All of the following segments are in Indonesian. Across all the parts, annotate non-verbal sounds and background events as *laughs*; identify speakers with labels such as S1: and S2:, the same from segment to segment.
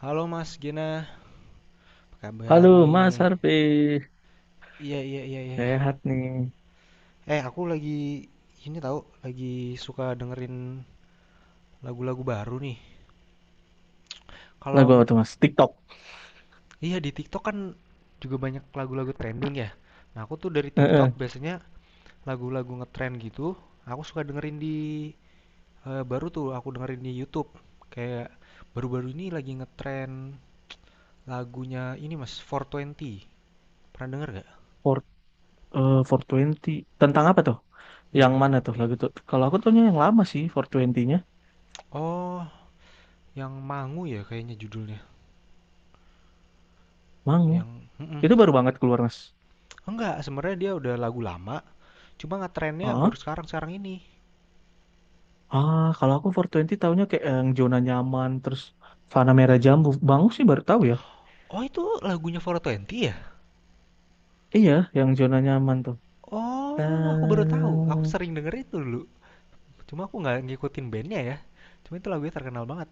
S1: Halo Mas Gena, apa
S2: Halo
S1: kabar
S2: Mas
S1: nih?
S2: Harvey,
S1: Iya iya iya iya.
S2: sehat nih.
S1: Aku lagi ini tahu lagi suka dengerin lagu-lagu baru nih.
S2: Lagu apa
S1: Kalau
S2: tuh Mas? TikTok.
S1: iya di TikTok kan juga banyak lagu-lagu trending ya. Nah aku tuh dari TikTok
S2: Heeh.
S1: biasanya lagu-lagu ngetrend gitu. Aku suka dengerin baru tuh aku dengerin di YouTube. Kayak baru-baru ini lagi ngetrend lagunya ini Mas 420. Pernah denger gak?
S2: For, 420. Tentang apa tuh?
S1: Yang
S2: Yang mana
S1: apa
S2: tuh
S1: ya?
S2: lagu tuh? Kalau aku tuhnya yang lama sih, twenty nya
S1: Oh, yang Mangu ya kayaknya judulnya.
S2: Mangu.
S1: Yang mhm.
S2: Itu baru banget keluar Mas.
S1: Enggak, sebenarnya dia udah lagu lama, cuma ngetrennya
S2: Ah,
S1: baru sekarang-sekarang ini.
S2: kalau aku four twenty tahunya kayak yang zona nyaman, terus Fana Merah Jambu. Bangu sih baru tahu ya.
S1: Oh, itu lagunya Four Twenty ya?
S2: Iya, yang zona nyaman tuh. Ta-
S1: Oh, aku baru tahu. Aku sering denger itu dulu. Cuma aku nggak ngikutin bandnya ya. Cuma itu lagunya terkenal banget.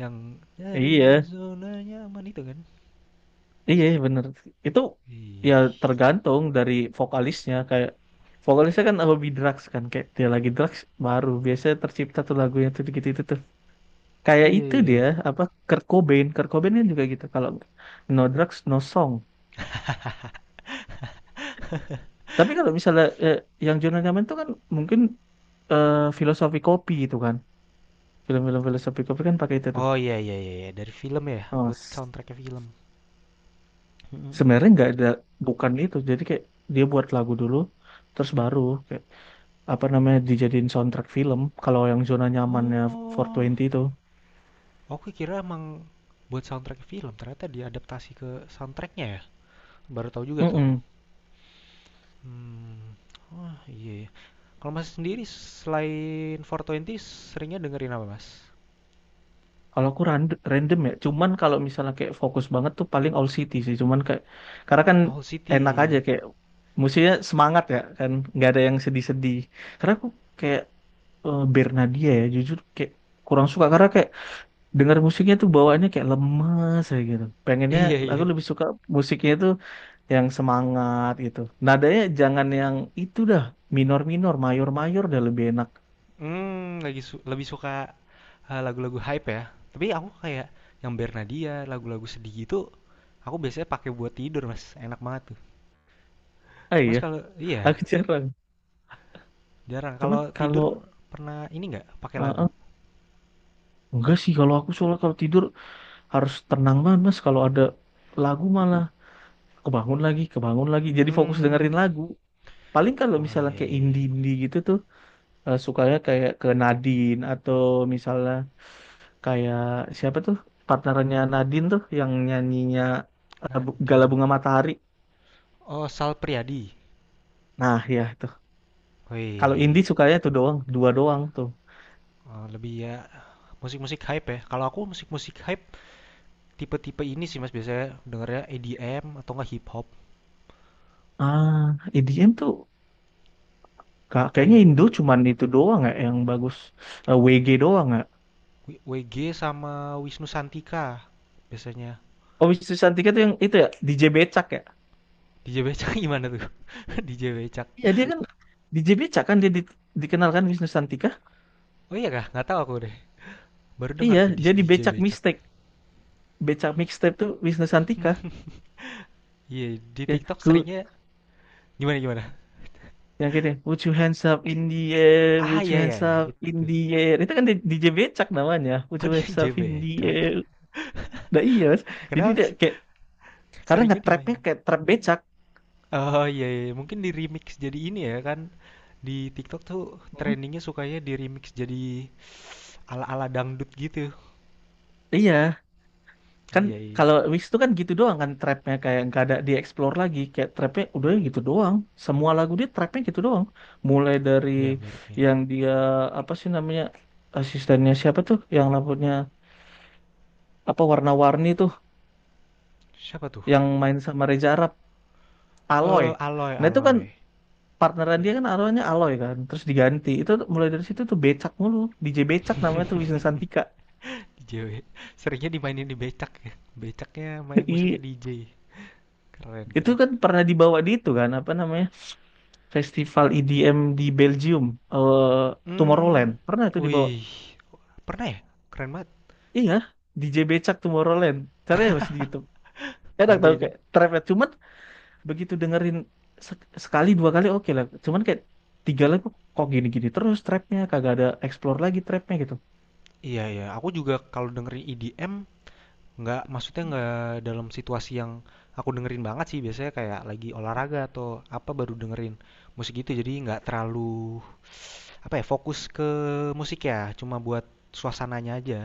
S1: Yang dari
S2: Iya.
S1: zona nyaman itu kan.
S2: Iya, iya, bener. Itu ya
S1: Ih.
S2: tergantung dari vokalisnya. Kayak vokalisnya kan lebih drugs kan. Kayak dia lagi drugs baru. Biasanya tercipta tuh lagunya tuh gitu itu tuh. Kayak
S1: Iya,
S2: itu
S1: iya,
S2: dia,
S1: iya.
S2: apa, Kurt Cobain. Kurt Cobain kan juga gitu. Kalau no drugs, no song. Tapi kalau misalnya yang Jonan Nyaman itu kan mungkin eh, filosofi kopi itu kan. Film-film filosofi kopi kan pakai itu tuh.
S1: Oh iya iya iya iya. Dari film ya,
S2: Oh,
S1: buat
S2: s-
S1: soundtracknya film. Mhm, mhm.
S2: sebenarnya nggak ada, bukan itu. Jadi kayak dia buat lagu dulu, terus baru. Apa namanya dijadiin soundtrack film kalau yang zona nyamannya
S1: Oh,
S2: 420 itu.
S1: aku kira emang buat soundtrack film ternyata diadaptasi ke soundtracknya ya. Baru tahu juga tuh aku.
S2: Mm-mm.
S1: Mmm, wah, iya ya. Kalau Mas sendiri selain 420 seringnya dengerin apa, Mas?
S2: Kalau aku random ya, cuman kalau misalnya kayak fokus banget tuh paling All City sih, cuman kayak karena kan
S1: Owl
S2: enak aja
S1: City. *laughs*
S2: kayak musiknya semangat ya kan, nggak ada yang sedih-sedih. Karena aku kayak Bernadia ya, jujur kayak kurang suka karena kayak dengar musiknya tuh bawaannya kayak lemes kayak gitu. Pengennya
S1: Iya
S2: aku
S1: iya.
S2: lebih suka musiknya itu yang semangat gitu. Nadanya jangan yang itu dah, minor-minor, mayor-mayor dah lebih enak.
S1: Mmm, lagi su lebih suka, lagu-lagu hype ya? Tapi aku kayak yang Bernadia, lagu-lagu sedih gitu, aku biasanya pakai buat tidur, Mas, enak banget tuh.
S2: Ah
S1: Mas
S2: iya,
S1: kalau iya,
S2: aku jarang.
S1: jarang.
S2: Cuman
S1: Kalau tidur
S2: kalau
S1: pernah ini nggak, pakai
S2: eh, eh,
S1: lagu?
S2: enggak sih kalau aku soalnya kalau tidur harus tenang banget Mas, kalau ada lagu malah kebangun lagi, kebangun lagi. Jadi fokus
S1: Mmm,
S2: dengerin lagu. Paling kalau
S1: oh
S2: misalnya
S1: iya
S2: kayak
S1: iya iya.
S2: indie-indie gitu tuh, sukanya kayak ke Nadine atau misalnya kayak siapa tuh partnernya Nadine tuh yang nyanyinya, Gala
S1: Nadine.
S2: Bunga Matahari.
S1: Oh, Sal Priadi.
S2: Nah, ya itu. Kalau
S1: Wih.
S2: indie sukanya itu doang, dua doang tuh.
S1: Oh, lebih ya musik-musik hype ya. Kalau aku musik-musik hype tipe-tipe ini sih Mas biasanya dengernya EDM atau enggak hip hop
S2: Ah, EDM tuh kayaknya
S1: kayak
S2: Indo cuman itu doang ya yang bagus. WG doang ya.
S1: WG sama Wisnu Santika biasanya.
S2: Oh, Wisnu Santika tuh yang itu ya, DJ Becak ya.
S1: DJ Becak gimana tuh? *laughs* DJ Becak.
S2: Iya, dia kan DJ Becak kan dia dikenalkan Wisnu Santika.
S1: Oh iya kah? Nggak tahu aku deh. Baru dengar
S2: Iya,
S1: tuh di
S2: jadi
S1: DJ
S2: Becak
S1: Becak.
S2: Mixtape. Becak Mixtape tuh Wisnu Santika.
S1: Iya, *laughs* yeah, di
S2: Ya,
S1: TikTok
S2: ku
S1: seringnya gimana gimana?
S2: yang gini, "Would you hands up in the air,
S1: Ah
S2: would you
S1: iya iya
S2: hands
S1: iya
S2: up
S1: itu.
S2: in
S1: Itu.
S2: the air." Itu kan DJ Becak namanya, would
S1: Oh
S2: you hands up
S1: DJ
S2: in the
S1: Becak.
S2: air. Nah iya, Mas.
S1: *laughs*
S2: Jadi
S1: Kenapa
S2: dia kayak karena
S1: seringnya
S2: nge-trapnya
S1: dimainin?
S2: kayak trap becak.
S1: Oh, iya iya, iya. Mungkin di-remix jadi ini ya kan, di TikTok tuh
S2: Mm.
S1: trendingnya sukanya di-remix jadi ala-ala dangdut gitu.
S2: Iya, kan
S1: Iya iya,
S2: kalau Wings itu kan gitu doang kan trapnya kayak nggak ada dieksplor lagi, kayak trapnya udah gitu doang. Semua lagu dia trapnya gitu doang. Mulai dari
S1: iya mirip-mirip.
S2: yang dia apa sih namanya, asistennya siapa tuh yang rambutnya apa warna-warni tuh
S1: Siapa tuh?
S2: yang main sama Reza Arab, Aloy.
S1: Eh, Aloy
S2: Nah itu kan
S1: Aloy.
S2: partneran dia
S1: Iya.
S2: kan awalnya Aloy kan, terus diganti. Itu tuh mulai dari situ tuh becak mulu, DJ becak namanya tuh Wisnu Santika.
S1: *laughs* DJ. Seringnya dimainin di becak ya. Becaknya
S2: *laughs*
S1: main musiknya
S2: I-
S1: DJ. Keren
S2: Itu
S1: keren.
S2: kan pernah dibawa di itu kan apa namanya? Festival EDM di Belgium, eh Tomorrowland.
S1: Hmm,
S2: Pernah itu dibawa?
S1: wih. Pernah ya? Keren banget.
S2: Iya, DJ Becak Tomorrowland. Caranya masih di YouTube.
S1: *laughs*
S2: Enak
S1: Nanti
S2: tau
S1: itu.
S2: kayak trap ya. Cuman begitu dengerin sekali dua kali oke lah. Cuman kayak tiga lagu kok gini-gini terus trapnya kagak ada explore lagi trapnya gitu.
S1: Iya iya, aku juga kalau dengerin EDM. Nggak, maksudnya nggak dalam situasi yang aku dengerin banget sih. Biasanya kayak lagi olahraga atau apa baru dengerin musik itu. Jadi nggak terlalu apa ya fokus ke musik ya. Cuma buat suasananya aja.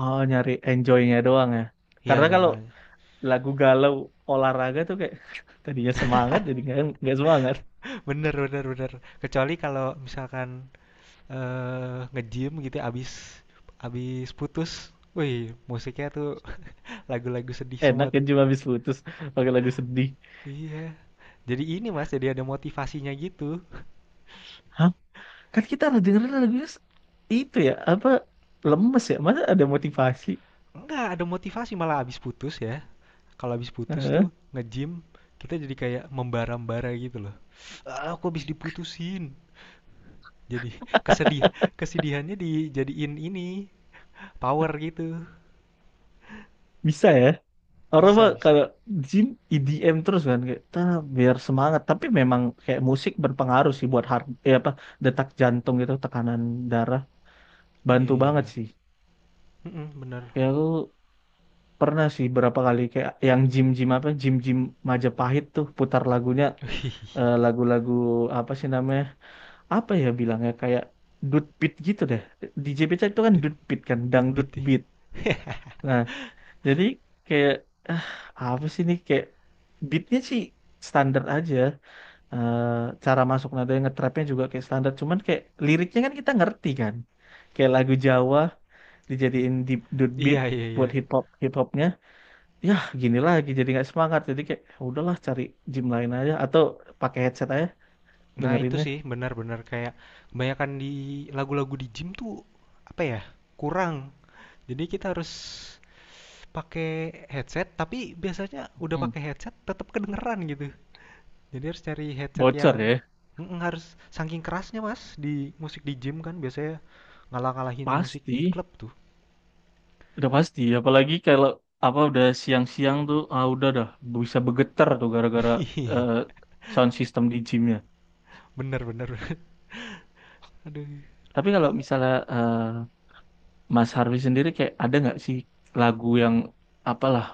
S2: Oh nyari enjoynya doang ya.
S1: Iya
S2: Karena kalau
S1: nyaman.
S2: lagu galau olahraga tuh kayak, *laughs* tadinya semangat jadi nggak semangat.
S1: *laughs* Bener bener bener. Kecuali kalau misalkan nge-gym gitu ya, abis abis putus. Wih, musiknya tuh *laughs* lagu-lagu sedih
S2: Enak
S1: semua
S2: kan
S1: tuh.
S2: cuma habis putus pakai lagu sedih.
S1: Iya. Jadi ini Mas, jadi ada motivasinya gitu.
S2: Kan kita harus dengerin lagunya itu ya, apa lemes ya? Masa ada motivasi?
S1: Enggak, ada motivasi malah abis putus ya. Kalau habis putus
S2: Heeh,
S1: tuh nge-gym kita jadi kayak membara-bara gitu loh. Ah, aku habis diputusin. Jadi kesedihan, kesedihannya dijadiin ini power gitu.
S2: bisa ya. Orang mah
S1: Bisa, bisa.
S2: kalau gym EDM terus kan kayak, "Tah, biar semangat." Tapi memang kayak musik berpengaruh sih buat apa, detak jantung gitu, tekanan darah,
S1: Iya
S2: bantu
S1: iya
S2: banget
S1: iya.
S2: sih.
S1: Mm-mm, bener.
S2: Kayak aku pernah sih berapa kali kayak yang gym-gym Majapahit tuh putar lagunya,
S1: *laughs*
S2: lagu-lagu apa sih namanya? Apa ya bilangnya kayak dude beat gitu deh. Di JPC itu kan
S1: Dude,
S2: dude beat kan,
S1: dude
S2: dangdut
S1: beat deh.
S2: beat. Nah, jadi kayak, ah, apa sih nih kayak beatnya sih standar aja. Eh, cara masuk nada yang ngetrapnya juga kayak standar. Cuman kayak liriknya kan kita ngerti kan. Kayak lagu Jawa dijadiin di dude beat
S1: Iya, iya, iya.
S2: buat hip hop hip hopnya. Ya gini lagi jadi nggak semangat. Jadi kayak, "Ya udahlah cari gym lain aja atau pakai headset aja
S1: Nah, itu
S2: dengerinnya."
S1: sih benar-benar kayak kebanyakan di lagu-lagu di gym tuh apa ya? Kurang. Jadi kita harus pakai headset, tapi biasanya udah
S2: Mm.
S1: pakai headset tetap kedengeran gitu. Jadi harus cari headset yang
S2: Bocor ya.
S1: Mm-mm, harus saking kerasnya mas di musik di gym kan biasanya ngalah-ngalahin musik
S2: Pasti.
S1: di klub tuh.
S2: Udah pasti, apalagi kalau apa udah siang-siang tuh, udah dah bisa bergetar tuh gara-gara,
S1: *laughs*
S2: eh, sound system di gymnya.
S1: Bener bener. *laughs* Aduh.
S2: Tapi kalau
S1: Kalau
S2: misalnya Mas Harvey sendiri kayak ada nggak sih lagu yang apalah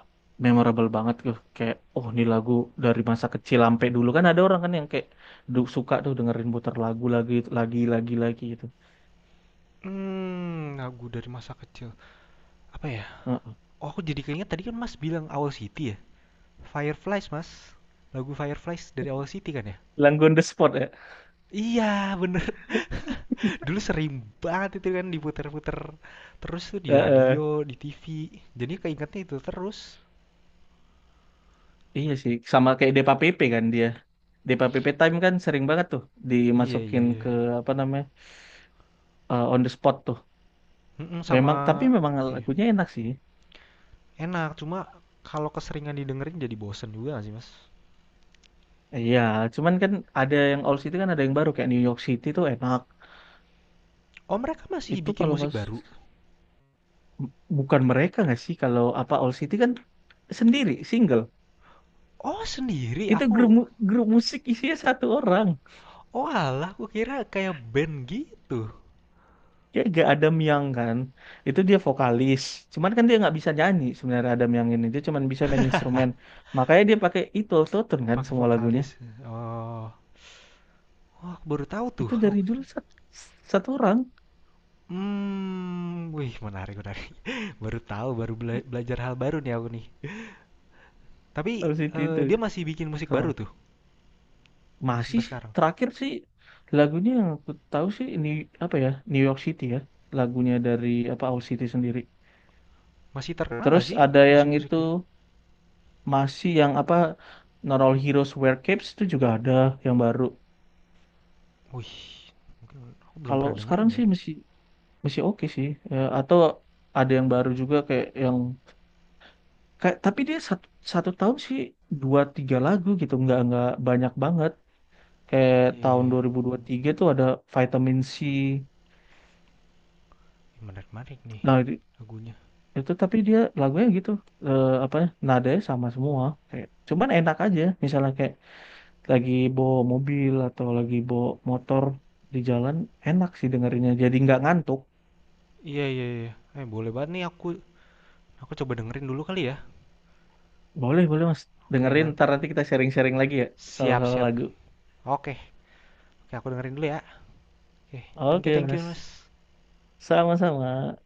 S2: memorable banget tuh, kayak, oh ini lagu dari masa kecil. Sampai dulu kan ada orang kan yang kayak suka tuh dengerin putar lagu lagi gitu.
S1: lagu dari masa kecil apa ya?
S2: Heeh.
S1: Oh aku jadi keinget tadi kan mas bilang Owl City ya. Fireflies mas. Lagu Fireflies dari Owl City kan ya?
S2: Lagu on the spot ya.
S1: Iya bener. *laughs*
S2: *laughs*
S1: Dulu sering banget itu kan diputer-puter terus tuh di radio,
S2: Heeh.
S1: di TV. Jadi keingetnya itu terus.
S2: Iya sih, sama kayak Depa Pepe kan dia di PPP time kan sering banget tuh
S1: Iya iya
S2: dimasukin
S1: iya.
S2: ke apa namanya, on the spot tuh.
S1: Mhm, sama
S2: Memang, tapi memang
S1: apa ya,
S2: lagunya enak sih.
S1: enak cuma kalau keseringan didengerin jadi bosen juga gak sih Mas?
S2: Iya, cuman kan ada yang old city kan ada yang baru kayak New York City tuh enak.
S1: Oh mereka masih
S2: Itu
S1: bikin
S2: kalau
S1: musik
S2: nggak
S1: baru?
S2: bukan mereka nggak sih, kalau apa old city kan sendiri single.
S1: Oh sendiri
S2: Itu
S1: aku.
S2: grup grup musik isinya satu orang.
S1: Oh oalah aku kira kayak band gitu,
S2: Ya gak Adam yang kan. Itu dia vokalis. Cuman kan dia nggak bisa nyanyi sebenarnya Adam yang ini. Dia cuman bisa main instrumen. Makanya dia pakai itu tone kan
S1: pakai
S2: semua lagunya.
S1: vokalis, oh. Oh aku baru tahu tuh
S2: Itu
S1: aku
S2: dari dulu
S1: kira.
S2: satu orang.
S1: Hmm. Wih menarik menarik. *laughs* Baru tahu baru belajar hal baru nih aku nih. Tapi,
S2: Harus itu
S1: dia masih bikin musik
S2: sama,
S1: baru tuh
S2: masih
S1: sampai
S2: sih,
S1: sekarang?
S2: terakhir sih lagunya yang aku tahu sih ini apa ya, New York City ya lagunya dari apa Owl City sendiri.
S1: Masih terkenal gak
S2: Terus
S1: sih
S2: ada yang
S1: musik-musik
S2: itu,
S1: dia?
S2: masih yang apa, Not All Heroes Wear Capes itu juga ada yang baru.
S1: Wih aku belum
S2: Kalau
S1: pernah dengerin
S2: sekarang
S1: ya.
S2: sih masih masih oke sih ya, atau ada yang baru juga kayak yang, kayak tapi dia satu tahun sih dua tiga lagu gitu, nggak banyak banget. Kayak
S1: Iya iya
S2: tahun
S1: iya.
S2: 2003 tuh ada vitamin C.
S1: Menarik-menarik nih
S2: Nah
S1: lagunya.
S2: itu tapi dia lagunya gitu, apa ya, nadanya sama semua kayak, cuman enak aja misalnya kayak lagi bawa mobil atau lagi bawa motor di jalan, enak sih dengerinnya jadi nggak ngantuk.
S1: Iya iya iya. Boleh banget nih aku coba dengerin dulu kali ya.
S2: Boleh boleh mas,
S1: Oke
S2: dengerin ntar,
S1: nanti.
S2: nanti kita sharing-sharing lagi ya.
S1: Siap
S2: Salah-salah
S1: siap.
S2: lagu.
S1: Oke. Oke aku dengerin dulu ya. Oke.
S2: Oke
S1: Thank you
S2: mas.
S1: Mas.
S2: Sama-sama.